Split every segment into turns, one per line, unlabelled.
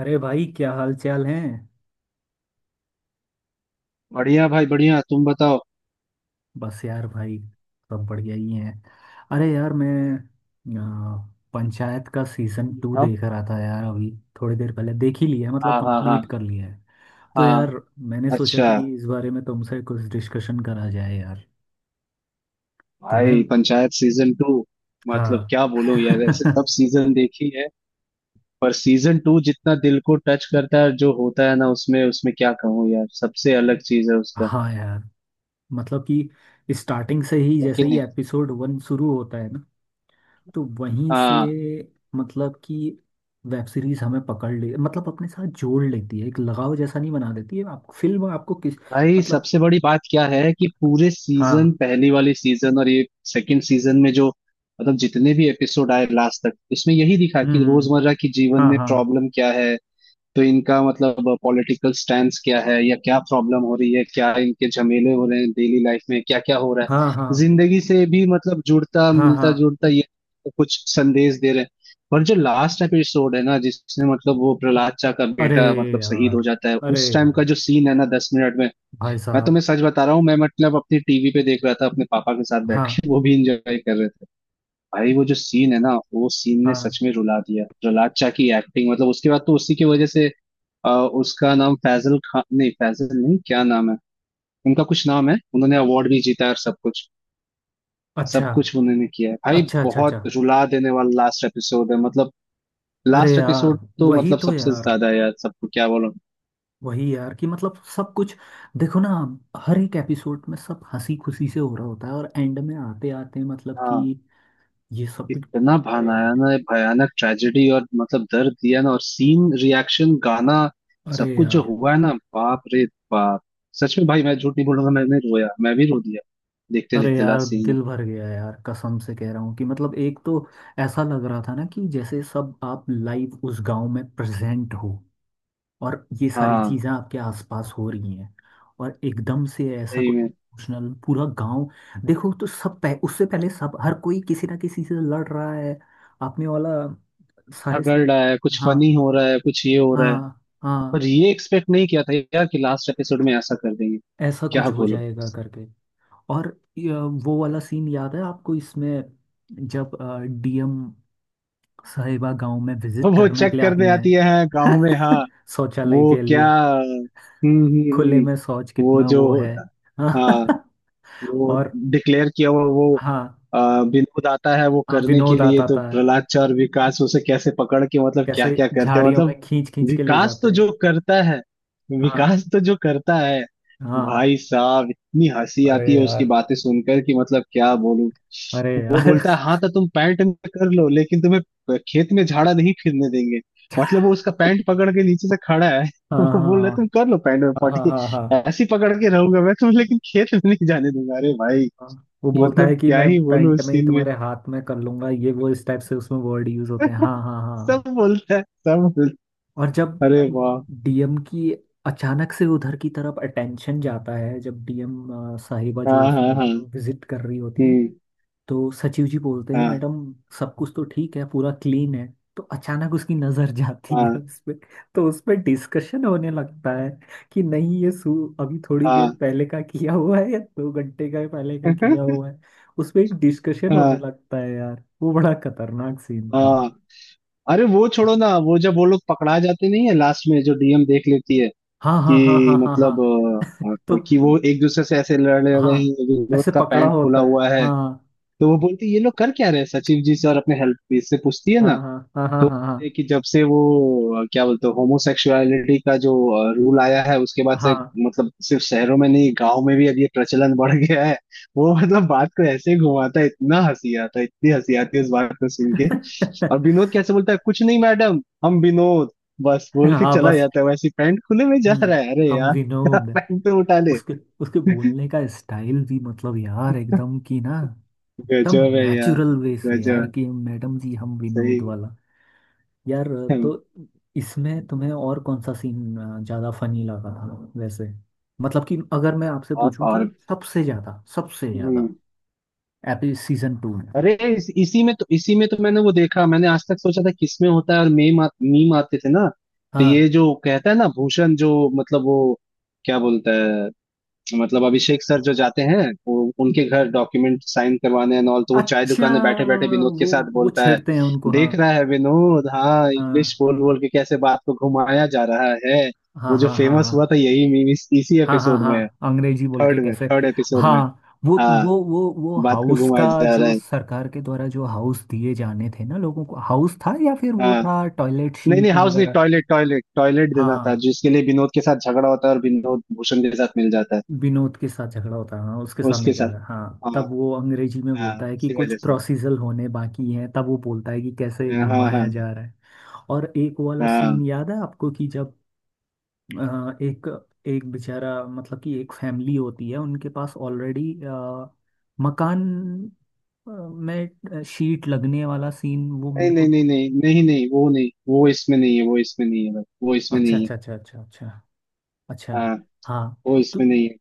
अरे भाई क्या हाल चाल है।
बढ़िया भाई बढ़िया। तुम बताओ।
बस यार भाई सब बढ़िया ही है। अरे यार मैं पंचायत का सीजन टू
बताओ।
देख रहा था यार अभी। थोड़ी देर पहले देख ही लिया है, मतलब
हाँ हाँ हाँ।
कंप्लीट कर लिया है। तो यार
हाँ,
मैंने सोचा कि
अच्छा।
इस बारे में तुमसे कुछ डिस्कशन करा जाए यार। तुम्हें,
भाई, पंचायत सीजन टू, मतलब
हाँ।
क्या बोलो यार, ऐसे सब सीजन देखी है। पर सीजन टू जितना दिल को टच करता है, और जो होता है ना, उसमें उसमें क्या कहूँ यार, सबसे अलग चीज है उसका।
हाँ यार, मतलब कि स्टार्टिंग से ही
है कि
जैसे ही
नहीं।
एपिसोड वन शुरू होता है ना, तो वहीं से
हाँ,
मतलब कि वेब सीरीज हमें पकड़ ले, मतलब अपने साथ जोड़ लेती है, एक लगाव जैसा नहीं बना देती है, आप फिल्म आपको किस
भाई
मतलब।
सबसे बड़ी बात क्या है कि पूरे सीजन,
हाँ।
पहली वाली सीजन और ये सेकंड सीजन में जो, मतलब जितने भी एपिसोड आए लास्ट तक, इसमें यही दिखा
हम्म
कि
हम्म,
रोजमर्रा की जीवन
हाँ
में
हाँ
प्रॉब्लम क्या है। तो इनका मतलब पॉलिटिकल स्टैंड क्या है, या क्या प्रॉब्लम हो रही है, क्या इनके झमेले हो रहे हैं डेली लाइफ में, क्या क्या हो रहा
हाँ। हाँ
है, जिंदगी से भी मतलब जुड़ता
हाँ हाँ।
मिलता जुड़ता, ये कुछ संदेश दे रहे हैं। पर जो लास्ट एपिसोड है ना, जिसने मतलब, वो प्रहलाद चा का
अरे
बेटा मतलब शहीद
यार,
हो जाता है,
अरे
उस टाइम का
यार,
जो सीन है ना, 10 मिनट में,
भाई
मैं
साहब।
तुम्हें सच बता रहा हूँ, मैं मतलब अपनी टीवी पे देख रहा था, अपने पापा के साथ बैठ
हाँ,
के, वो भी इंजॉय कर रहे थे। भाई वो जो सीन है ना, वो सीन ने
हाँ।
सच में रुला दिया। प्रहलाद चा की एक्टिंग मतलब उसके बाद तो उसी की वजह से, अ, उसका नाम फैजल खान, नहीं फैजल नहीं, क्या नाम है, उनका कुछ नाम है, उन्होंने अवार्ड भी जीता है और सब कुछ।
अच्छा
सब कुछ उन्होंने किया है भाई।
अच्छा अच्छा
बहुत
अच्छा।
रुला देने वाला लास्ट एपिसोड है मतलब।
अरे
लास्ट
यार,
एपिसोड तो
वही
मतलब
तो
सबसे
यार,
ज्यादा है यार, सबको क्या बोलो।
वही यार कि मतलब सब कुछ। देखो ना, हर एक एपिसोड में सब हंसी खुशी से हो रहा होता है और एंड में आते आते, मतलब कि
हाँ,
ये सब भी।
इतना
अरे यार,
भयानक भयानक ट्रेजेडी और मतलब दर्द दिया ना, और सीन, रिएक्शन, गाना,
अरे
सब कुछ जो
यार,
हुआ है ना, बाप रे बाप। सच में भाई, मैं झूठ नहीं बोलूंगा, मैंने रोया, मैं भी रो दिया, देखते
अरे
देखते
यार,
लास्ट सीन में।
दिल भर गया यार, कसम से कह रहा हूँ कि मतलब एक तो ऐसा लग रहा था ना कि जैसे सब आप लाइव उस गांव में प्रेजेंट हो और ये सारी
हाँ,
चीजें आपके आसपास हो रही हैं और एकदम से ऐसा
सही
कुछ
में।
इमोशनल पूरा गांव। देखो तो सब उससे पहले सब हर कोई किसी ना किसी से लड़ रहा है। आपने वाला सारे
झगड़
सी।
रहा है, कुछ
हाँ
फनी हो रहा है, कुछ ये हो रहा है।
हाँ हाँ,
पर ये एक्सपेक्ट नहीं किया था यार कि लास्ट एपिसोड में ऐसा कर देंगे।
ऐसा
क्या
कुछ हो
बोलो।
जाएगा करके। और ये वो वाला सीन याद है आपको इसमें, जब डीएम साहिबा गांव में विजिट
वो
करने के
चेक
लिए आती
करने आती है, हाँ, गाँव में। हाँ,
हैं। शौचालय
वो
के
क्या,
लिए,
हम्म हम्म
खुले
हम्म,
में शौच
वो
कितना
जो
वो है।
होता, हाँ वो
और
डिक्लेयर किया हुआ वो,
हाँ
अ, विनोद आता है वो
हाँ,
करने के
विनोद
लिए,
आता
तो
था,
प्रहलाद चा और विकास उसे कैसे पकड़ के मतलब क्या
कैसे
क्या करते हैं
झाड़ियों
मतलब।
में खींच खींच के ले
विकास
जाते
तो
हैं।
जो करता है,
हाँ
विकास तो जो करता है,
हाँ,
भाई साहब इतनी हंसी
अरे
आती है उसकी
यार,
बातें सुनकर कि मतलब क्या बोलूं।
अरे
वो
यार।
बोलता है, हाँ तो तुम पैंट में कर लो लेकिन तुम्हें खेत में झाड़ा नहीं फिरने देंगे। मतलब वो उसका पैंट पकड़ के नीचे से खड़ा है, वो
हाँ
बोल रहा है तुम
हाँ
कर लो पैंट में
हाँ हाँ
पॉटी।
हाँ हाँ
ऐसी पकड़ के रहूंगा मैं तुम,
हाँ।
लेकिन खेत में नहीं जाने दूंगा। अरे भाई,
हाँ, वो बोलता
मतलब
है कि
क्या
मैं
ही बोलूं
पैंट
उस
में ही
सीन में।
तुम्हारे हाथ में कर लूंगा, ये वो इस टाइप से उसमें वर्ड यूज होते हैं। हाँ हाँ
सब
हाँ।
बोलता है, सब बोलता
और जब
है। अरे वाह।
डीएम की अचानक से उधर की तरफ अटेंशन जाता है, जब डीएम साहिबा जो
हाँ
उसमें
हाँ हाँ।
होती है वो विजिट कर रही होती है,
हम्म।
तो सचिव जी बोलते हैं
हाँ
मैडम सब कुछ तो ठीक है, पूरा क्लीन है। तो अचानक उसकी नजर जाती
हाँ
है उस पे, तो उस पे डिस्कशन होने लगता है कि नहीं ये सू अभी थोड़ी
हाँ।
देर पहले का किया हुआ है या दो घंटे का पहले का किया हुआ है। उस पे एक डिस्कशन
हाँ
होने लगता है यार, वो बड़ा खतरनाक सीन था।
हाँ। अरे वो छोड़ो ना, वो जब वो लोग पकड़ा जाते नहीं है लास्ट में, जो डीएम देख लेती है
हाँ हाँ हाँ
कि
हाँ हाँ हाँ,
मतलब,
तो
कि वो एक दूसरे से ऐसे लड़ रहे हैं,
हाँ,
विनोद
ऐसे
का
पकड़ा
पैंट खुला
होता है।
हुआ है,
हाँ
तो वो बोलती है, "ये लोग कर क्या रहे हैं?" सचिव जी से और अपने हेल्प से पूछती है
हाँ
ना।
हाँ हाँ
तो
हाँ हाँ
है कि जब से वो, क्या बोलते हैं, होमोसेक्सुअलिटी का जो रूल आया है उसके बाद से,
हाँ।
मतलब सिर्फ शहरों में नहीं, गांव में भी अब ये प्रचलन बढ़ गया है। वो मतलब बात को ऐसे घुमाता है, इतना हंसी आता है, इतनी हंसी आती है इस बात को सुन के। और विनोद कैसे बोलता है, कुछ नहीं मैडम, हम विनोद, बस बोल
हाँ
के
हाँ
चला
बस।
जाता है। वैसे पैंट खुले में जा
हम्म,
रहा है, अरे
हम
यार,
विनोद।
पैंट तो उठा ले।
उसके उसके बोलने का स्टाइल भी मतलब यार एकदम कि ना, एकदम
गजब है यार,
नेचुरल वे से यार
गजब।
कि मैडम जी हम
सही।
विनोद वाला। यार, तो इसमें तुम्हें और कौन सा सीन ज़्यादा फनी लगा था वैसे, मतलब कि अगर मैं आपसे
और
पूछूं कि
और
सबसे ज़्यादा, सबसे
हम्म,
ज़्यादा एपी सीजन टू में।
अरे इसी में तो, इसी में तो मैंने वो देखा। मैंने आज तक सोचा था किसमें होता है, और मीम आते थे ना, तो
हाँ
ये जो कहता है ना भूषण, जो मतलब, वो क्या बोलता है, मतलब अभिषेक सर जो जाते हैं वो उनके घर डॉक्यूमेंट साइन करवाने एंड ऑल, तो वो चाय
अच्छा,
दुकान में बैठे बैठे विनोद के
वो
साथ
वो
बोलता है,
छेड़ते हैं उनको, हाँ
देख रहा है विनोद, हाँ इंग्लिश
हाँ
बोल बोल के कैसे बात को घुमाया जा रहा है।
हाँ
वो जो
हाँ हाँ
फेमस हुआ
हाँ
था, यही मीम इसी
हाँ हाँ
एपिसोड में है।
हाँ, अंग्रेजी बोल के
थर्ड में,
कैसे।
थर्ड एपिसोड
हाँ
में।
वो तो,
हाँ,
वो
बात को
हाउस का,
घुमाया जा रहा
जो
है।
सरकार के द्वारा जो हाउस दिए जाने थे ना लोगों को, हाउस था या फिर वो
हाँ।
था टॉयलेट
नहीं नहीं,
शीट
हाउस नहीं,
वगैरह।
टॉयलेट टॉयलेट टॉयलेट देना था,
हाँ,
जिसके लिए विनोद के साथ झगड़ा होता है, और विनोद भूषण के साथ मिल जाता है,
विनोद के साथ झगड़ा होता है हाँ, उसके साथ मिल
उसके
जाता
साथ।
है हाँ,
हाँ
तब वो अंग्रेजी में
हाँ,
बोलता है कि
इसी
कुछ
वजह से।
प्रोसीजर होने बाकी हैं, तब वो बोलता है कि कैसे
हाँ हाँ
घुमाया जा रहा है। और एक वाला
हाँ।
सीन याद है आपको, कि जब एक एक बेचारा मतलब कि एक फैमिली होती है उनके पास ऑलरेडी मकान, शीट लगने वाला सीन वो
नहीं
मेरे
नहीं
को।
नहीं नहीं नहीं नहीं, वो नहीं, वो इसमें नहीं है, वो इसमें नहीं है भाई, वो इसमें
अच्छा
नहीं
अच्छा
है।
अच्छा अच्छा अच्छा अच्छा।
हाँ
हाँ
वो
तो
इसमें नहीं है।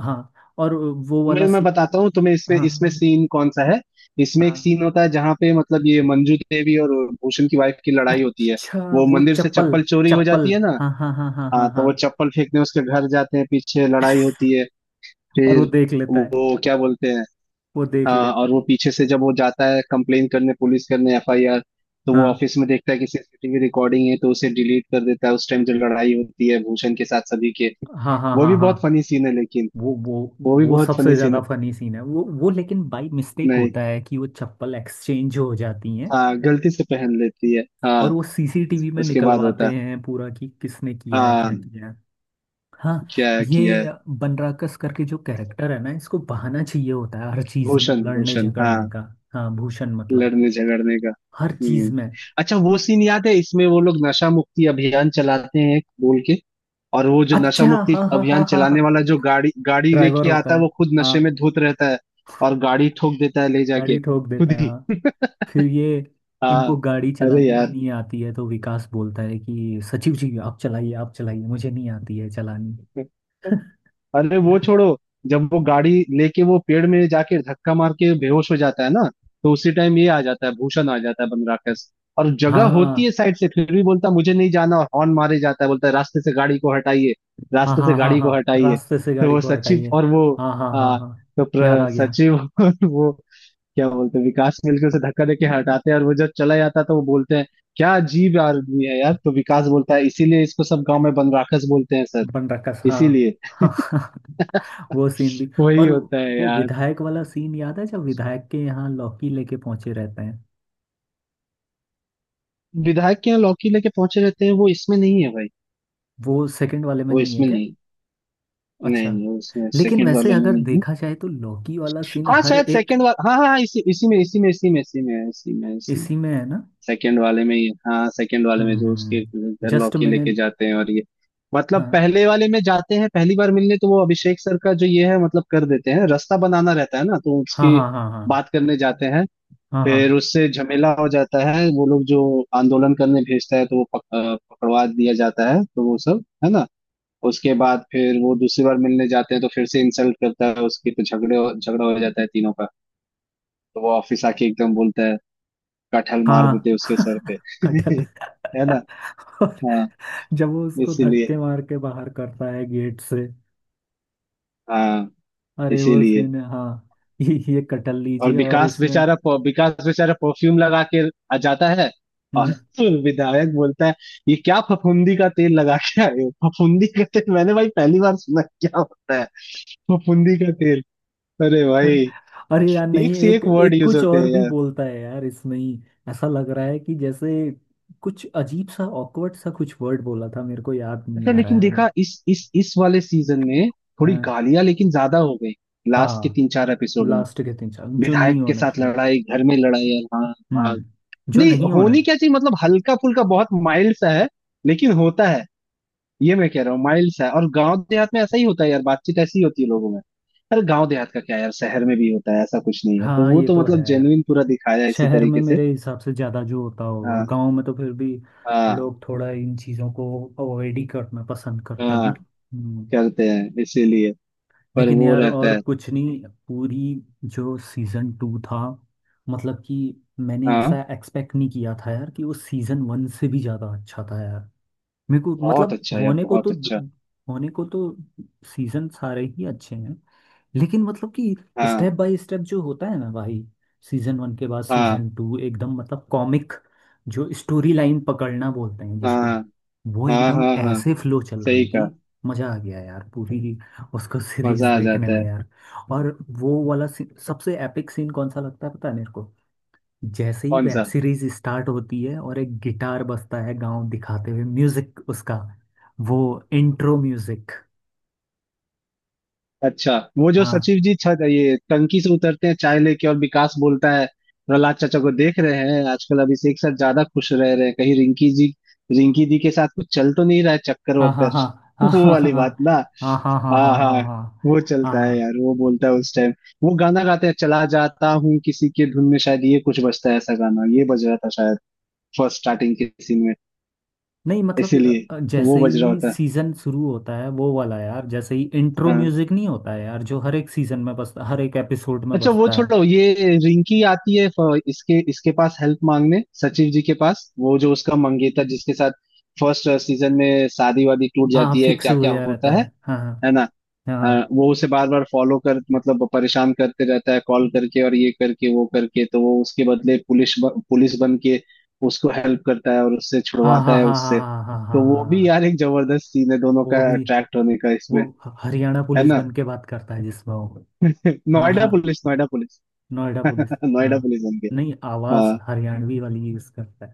हाँ, और वो वाला
तुम्हें मैं
सी
बताता हूँ तुम्हें, इसमें
हाँ,
इसमें सीन कौन सा है। इसमें
हाँ।
एक सीन होता है जहाँ पे मतलब ये मंजू देवी और भूषण की वाइफ की लड़ाई होती है।
अच्छा
वो
वो
मंदिर से
चप्पल,
चप्पल चोरी हो जाती
चप्पल,
है ना,
हाँ हाँ हाँ हाँ
हाँ
हाँ
तो
हाँ,
वो चप्पल फेंकने उसके घर जाते हैं, पीछे लड़ाई होती है।
और वो
फिर
देख लेता है,
वो क्या बोलते हैं,
वो देख
हाँ,
लेता
और वो
है।
पीछे से जब वो जाता है कंप्लेन करने, पुलिस करने, एफआईआर, तो वो
हाँ
ऑफिस में देखता है कि सीसीटीवी रिकॉर्डिंग है, तो उसे डिलीट कर देता है उस टाइम। जो लड़ाई होती है भूषण के साथ सभी के,
हाँ हाँ
वो भी
हाँ हाँ,
बहुत फनी सीन है लेकिन,
वो वो
वो भी
वो
बहुत
सबसे
फनी सीन है।
ज्यादा फनी सीन है वो, लेकिन बाई मिस्टेक
नहीं,
होता है कि वो चप्पल एक्सचेंज हो जाती हैं,
हाँ गलती से पहन लेती है,
और
हाँ
वो सीसीटीवी में
उसके बाद होता
निकलवाते
है।
हैं पूरा कि किसने किया है,
हाँ,
क्या किया है। हाँ,
क्या किया है।
ये बनराकस करके जो कैरेक्टर है ना, इसको बहाना चाहिए होता है हर चीज में
भूषण,
लड़ने
भूषण, हाँ,
झगड़ने का। हाँ भूषण, मतलब
लड़ने झगड़ने का।
हर चीज
हम्म।
में।
अच्छा, वो सीन याद है इसमें, वो लोग नशा मुक्ति अभियान चलाते हैं बोल के, और वो जो नशा
अच्छा
मुक्ति
हाँ हाँ हाँ
अभियान
हाँ हाँ,
चलाने वाला जो गाड़ी गाड़ी
ड्राइवर
लेके
होता
आता है,
है।
वो खुद नशे
हाँ
में धुत रहता है, और गाड़ी ठोक देता है ले जाके
गाड़ी ठोक देता
खुद
है,
ही।
हाँ। फिर ये,
हाँ।
इनको गाड़ी
अरे
चलानी भी
यार,
नहीं आती है, तो विकास बोलता है कि सचिव जी आप चलाइए, आप चलाइए, मुझे नहीं आती है चलानी।
अरे वो छोड़ो। जब वो गाड़ी लेके वो पेड़ में जाके धक्का मार के बेहोश हो जाता है ना, तो उसी टाइम ये आ जाता है, भूषण आ जाता है, बनराकस, और
हाँ
जगह होती है
हाँ
साइड से, फिर भी बोलता है, मुझे नहीं जाना, और हॉर्न मारे जाता है, बोलता है रास्ते से गाड़ी को हटाइए,
हाँ
रास्ते से
हाँ हाँ
गाड़ी
हाँ,
को हटाइए।
रास्ते से
तो
गाड़ी
वो
को
सचिव
हटाइए।
और वो,
हाँ हाँ हाँ
हाँ
हाँ,
तो
याद आ गया।
सचिव और वो क्या बोलते हैं विकास मिलकर उसे धक्का देके हटाते हैं, और वो जब चला जाता है तो वो बोलते हैं क्या अजीब आदमी है यार। तो विकास बोलता है, इसीलिए इसको सब गांव में बनराकस बोलते हैं सर।
बनराकस, हाँ
इसीलिए
हाँ। वो सीन भी।
वही
और
होता है
वो
यार।
विधायक वाला सीन याद है, जब विधायक के यहाँ लौकी लेके पहुंचे रहते हैं।
विधायक के यहाँ लौकी लेके पहुंचे रहते हैं, वो इसमें नहीं है भाई,
वो सेकंड वाले में
वो
नहीं है
इसमें
क्या?
नहीं।
अच्छा।
नहीं नहीं, वो इसमें
लेकिन
सेकंड
वैसे
वाले में
अगर
नहीं है।
देखा जाए तो लौकी वाला सीन
हाँ
हर
शायद
एक
सेकंड वाला, हाँ हाँ हाँ, इसी इसी में इसी में इसी में इसी में इसी में इसी में,
इसी में है ना।
सेकंड वाले में ही, हाँ सेकंड वाले में जो उसके घर
जस्ट
लौकी
मैंने,
लेके जाते हैं और ये, मतलब
हाँ
पहले वाले में जाते हैं पहली बार मिलने, तो वो अभिषेक सर का जो ये है मतलब कर देते हैं, रास्ता बनाना रहता है ना, तो
हाँ
उसकी
हाँ हाँ
बात करने जाते हैं,
हाँ हाँ
फिर उससे झमेला हो जाता है, वो लोग जो आंदोलन करने भेजता है तो वो पकड़वा दिया जाता है, तो वो सब है ना। उसके बाद फिर वो दूसरी बार मिलने जाते हैं तो फिर से इंसल्ट करता है उसकी, तो झगड़े झगड़ा हो जाता है तीनों का, तो वो ऑफिस आके एकदम बोलता है, कटहल मार
हाँ
देते उसके
हाँ।
सर पे
कटहल।
है ना।
और
हाँ,
जब वो उसको
इसीलिए।
धक्के मार के बाहर करता है गेट से,
हाँ,
अरे वो
इसीलिए,
सीन है हाँ, ये कटहल
और
लीजिए, और
विकास
इसमें।
बेचारा विकास बेचारा परफ्यूम लगा के आ जाता है, और
हम्म।
विधायक बोलता है, ये क्या फफूंदी का तेल लगा के आए हो। फफूंदी का तेल मैंने भाई पहली बार सुना है, क्या होता है फफूंदी का तेल, अरे
अरे,
भाई,
अरे यार
एक
नहीं,
से
एक
एक वर्ड
एक
यूज
कुछ
होते हैं
और भी
यार।
बोलता है यार इसमें ही। ऐसा लग रहा है कि जैसे कुछ अजीब सा ऑकवर्ड सा कुछ वर्ड बोला था, मेरे को याद नहीं
अच्छा
आ रहा
लेकिन
है।
देखा, इस वाले सीजन में थोड़ी
हाँ
गालियां लेकिन ज्यादा हो गई। लास्ट के
हाँ,
तीन चार एपिसोड में,
लास्ट के तीन साल जो
विधायक
नहीं
के
होना
साथ
चाहिए।
लड़ाई, घर में लड़ाई, और हाँ। हाँ,
हम्म, जो
नहीं
नहीं होना।
होनी क्या चाहिए मतलब, हल्का फुल्का बहुत माइल्ड सा है लेकिन होता है। ये मैं कह रहा हूँ माइल्ड सा है, और गांव देहात में ऐसा ही होता है यार, बातचीत ऐसी ही होती है लोगों में। अरे गांव देहात का क्या यार, शहर में भी होता है ऐसा, कुछ नहीं है, तो
हाँ
वो
ये
तो
तो है,
मतलब जेन्युइन पूरा दिखाया है इसी
शहर में
तरीके से।
मेरे हिसाब से ज़्यादा जो होता होगा,
हाँ
गांव में तो फिर भी
हाँ
लोग थोड़ा इन चीज़ों को अवॉइड ही करना पसंद करते हैं
हाँ,
ना। हम्म।
करते हैं इसीलिए। पर
लेकिन
वो
यार
रहता
और
है।
कुछ नहीं, पूरी जो सीजन टू था, मतलब कि मैंने
हाँ,
ऐसा एक्सपेक्ट नहीं किया था यार कि वो सीजन वन से भी ज़्यादा अच्छा था यार। मेरे को,
बहुत
मतलब
अच्छा यार,
होने को
बहुत
तो
अच्छा।
होने को तो सीजन सारे ही अच्छे हैं, लेकिन मतलब कि
हाँ
स्टेप बाय स्टेप जो होता है ना भाई, सीजन वन के बाद
हाँ
सीजन टू एकदम मतलब कॉमिक, जो स्टोरी लाइन पकड़ना बोलते हैं जिसको,
हाँ
वो
हाँ
एकदम
हाँ हाँ,
ऐसे फ्लो चल
सही
रही थी।
कहा।
मजा आ गया यार, पूरी उसको सीरीज
मजा आ
देखने
जाता
में
है।
यार। और वो वाला सबसे एपिक सीन कौन सा लगता है पता है मेरे को? जैसे ही
कौन
वेब
सा,
सीरीज स्टार्ट होती है और एक गिटार बजता है गांव दिखाते हुए, म्यूजिक उसका, वो इंट्रो म्यूजिक।
अच्छा, वो जो
हाँ
सचिव जी छत, ये टंकी से उतरते हैं चाय लेके, और विकास बोलता है, प्रहलाद चाचा को देख रहे हैं आजकल अभिषेक सर ज्यादा खुश रह रहे हैं, कहीं रिंकी जी, रिंकी दी के साथ कुछ चल तो नहीं रहा है चक्कर
हाँ हाँ
वक्कर,
हाँ हाँ
वो
हाँ
वाली बात ना।
हाँ हाँ हाँ हाँ
हाँ हाँ,
हाँ हाँ
वो
हाँ
चलता है
हाँ।
यार। वो बोलता है उस टाइम, वो गाना गाते हैं, चला जाता हूँ किसी के धुन में, शायद ये कुछ बजता है, ऐसा गाना ये बज रहा था शायद फर्स्ट स्टार्टिंग के सीन में,
नहीं मतलब,
इसीलिए, तो
जैसे
वो बज रहा
ही
होता है।
सीजन शुरू होता है वो वाला यार, जैसे ही इंट्रो
हाँ,
म्यूजिक नहीं होता है यार जो हर एक सीजन में बजता, हर एक एपिसोड में
अच्छा वो
बजता है।
छोड़ो ये। रिंकी आती है इसके इसके पास हेल्प मांगने सचिव जी के पास, वो जो उसका मंगेतर जिसके साथ फर्स्ट सीजन में शादी वादी टूट
हाँ
जाती है,
फिक्स
क्या क्या
हुआ रहता
होता है
है, हाँ
है ना,
हाँ
वो उसे बार बार फॉलो कर मतलब परेशान करते रहता है, कॉल करके और ये करके वो करके, तो वो उसके बदले पुलिस पुलिस बन के उसको हेल्प करता है और उससे
हाँ
छुड़वाता
हाँ
है
हाँ हाँ
उससे।
हाँ हाँ
तो
हाँ हाँ
वो
हाँ
भी
हाँ।
यार एक जबरदस्त सीन है, दोनों का
वो भी,
अट्रैक्ट होने का इसमें।
हरियाणा
है
पुलिस
ना,
बन के बात करता है, जिसमें वो। हाँ
नोएडा
हाँ,
police, Noida police.
Noida police. हाँ
नोएडा पुलिस बन
नहीं,
गया।
आवाज
हाँ
हरियाणवी वाली यूज करता है,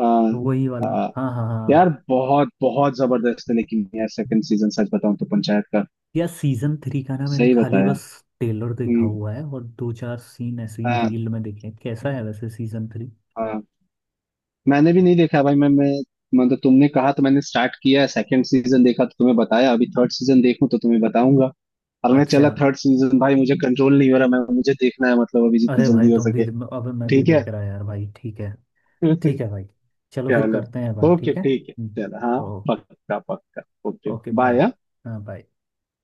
हाँ
तो वही वाला।
हाँ।
हाँ हाँ
यार
हाँ,
बहुत बहुत जबरदस्त है लेकिन यार सेकंड सीजन, सच बताऊं तो पंचायत का।
या सीजन थ्री का ना मैंने
सही
खाली
बताया।
बस ट्रेलर देखा
हम्म।
हुआ है और दो चार सीन ऐसे ही
हाँ
रील में देखे हैं। कैसा है वैसे सीजन थ्री?
हाँ, मैंने भी नहीं देखा भाई। मैं मतलब तुमने कहा तो मैंने स्टार्ट किया, सेकंड सीजन देखा तो तुम्हें बताया, अभी थर्ड सीजन देखूं तो तुम्हें बताऊंगा। और मैं
अच्छा,
चला थर्ड सीजन भाई, मुझे कंट्रोल नहीं हो रहा, मैं, मुझे देखना है मतलब अभी जितनी
अरे भाई
जल्दी हो
तुम भी,
सके।
अब मैं भी
ठीक है।
देख रहा यार भाई, ठीक है। ठीक है भाई, चलो फिर
चलो,
करते हैं बात,
ओके,
ठीक है।
ठीक है। चलो, हाँ,
ओके।
पक्का पक्का। Okay,
okay bye.
बाय।
हाँ बाय।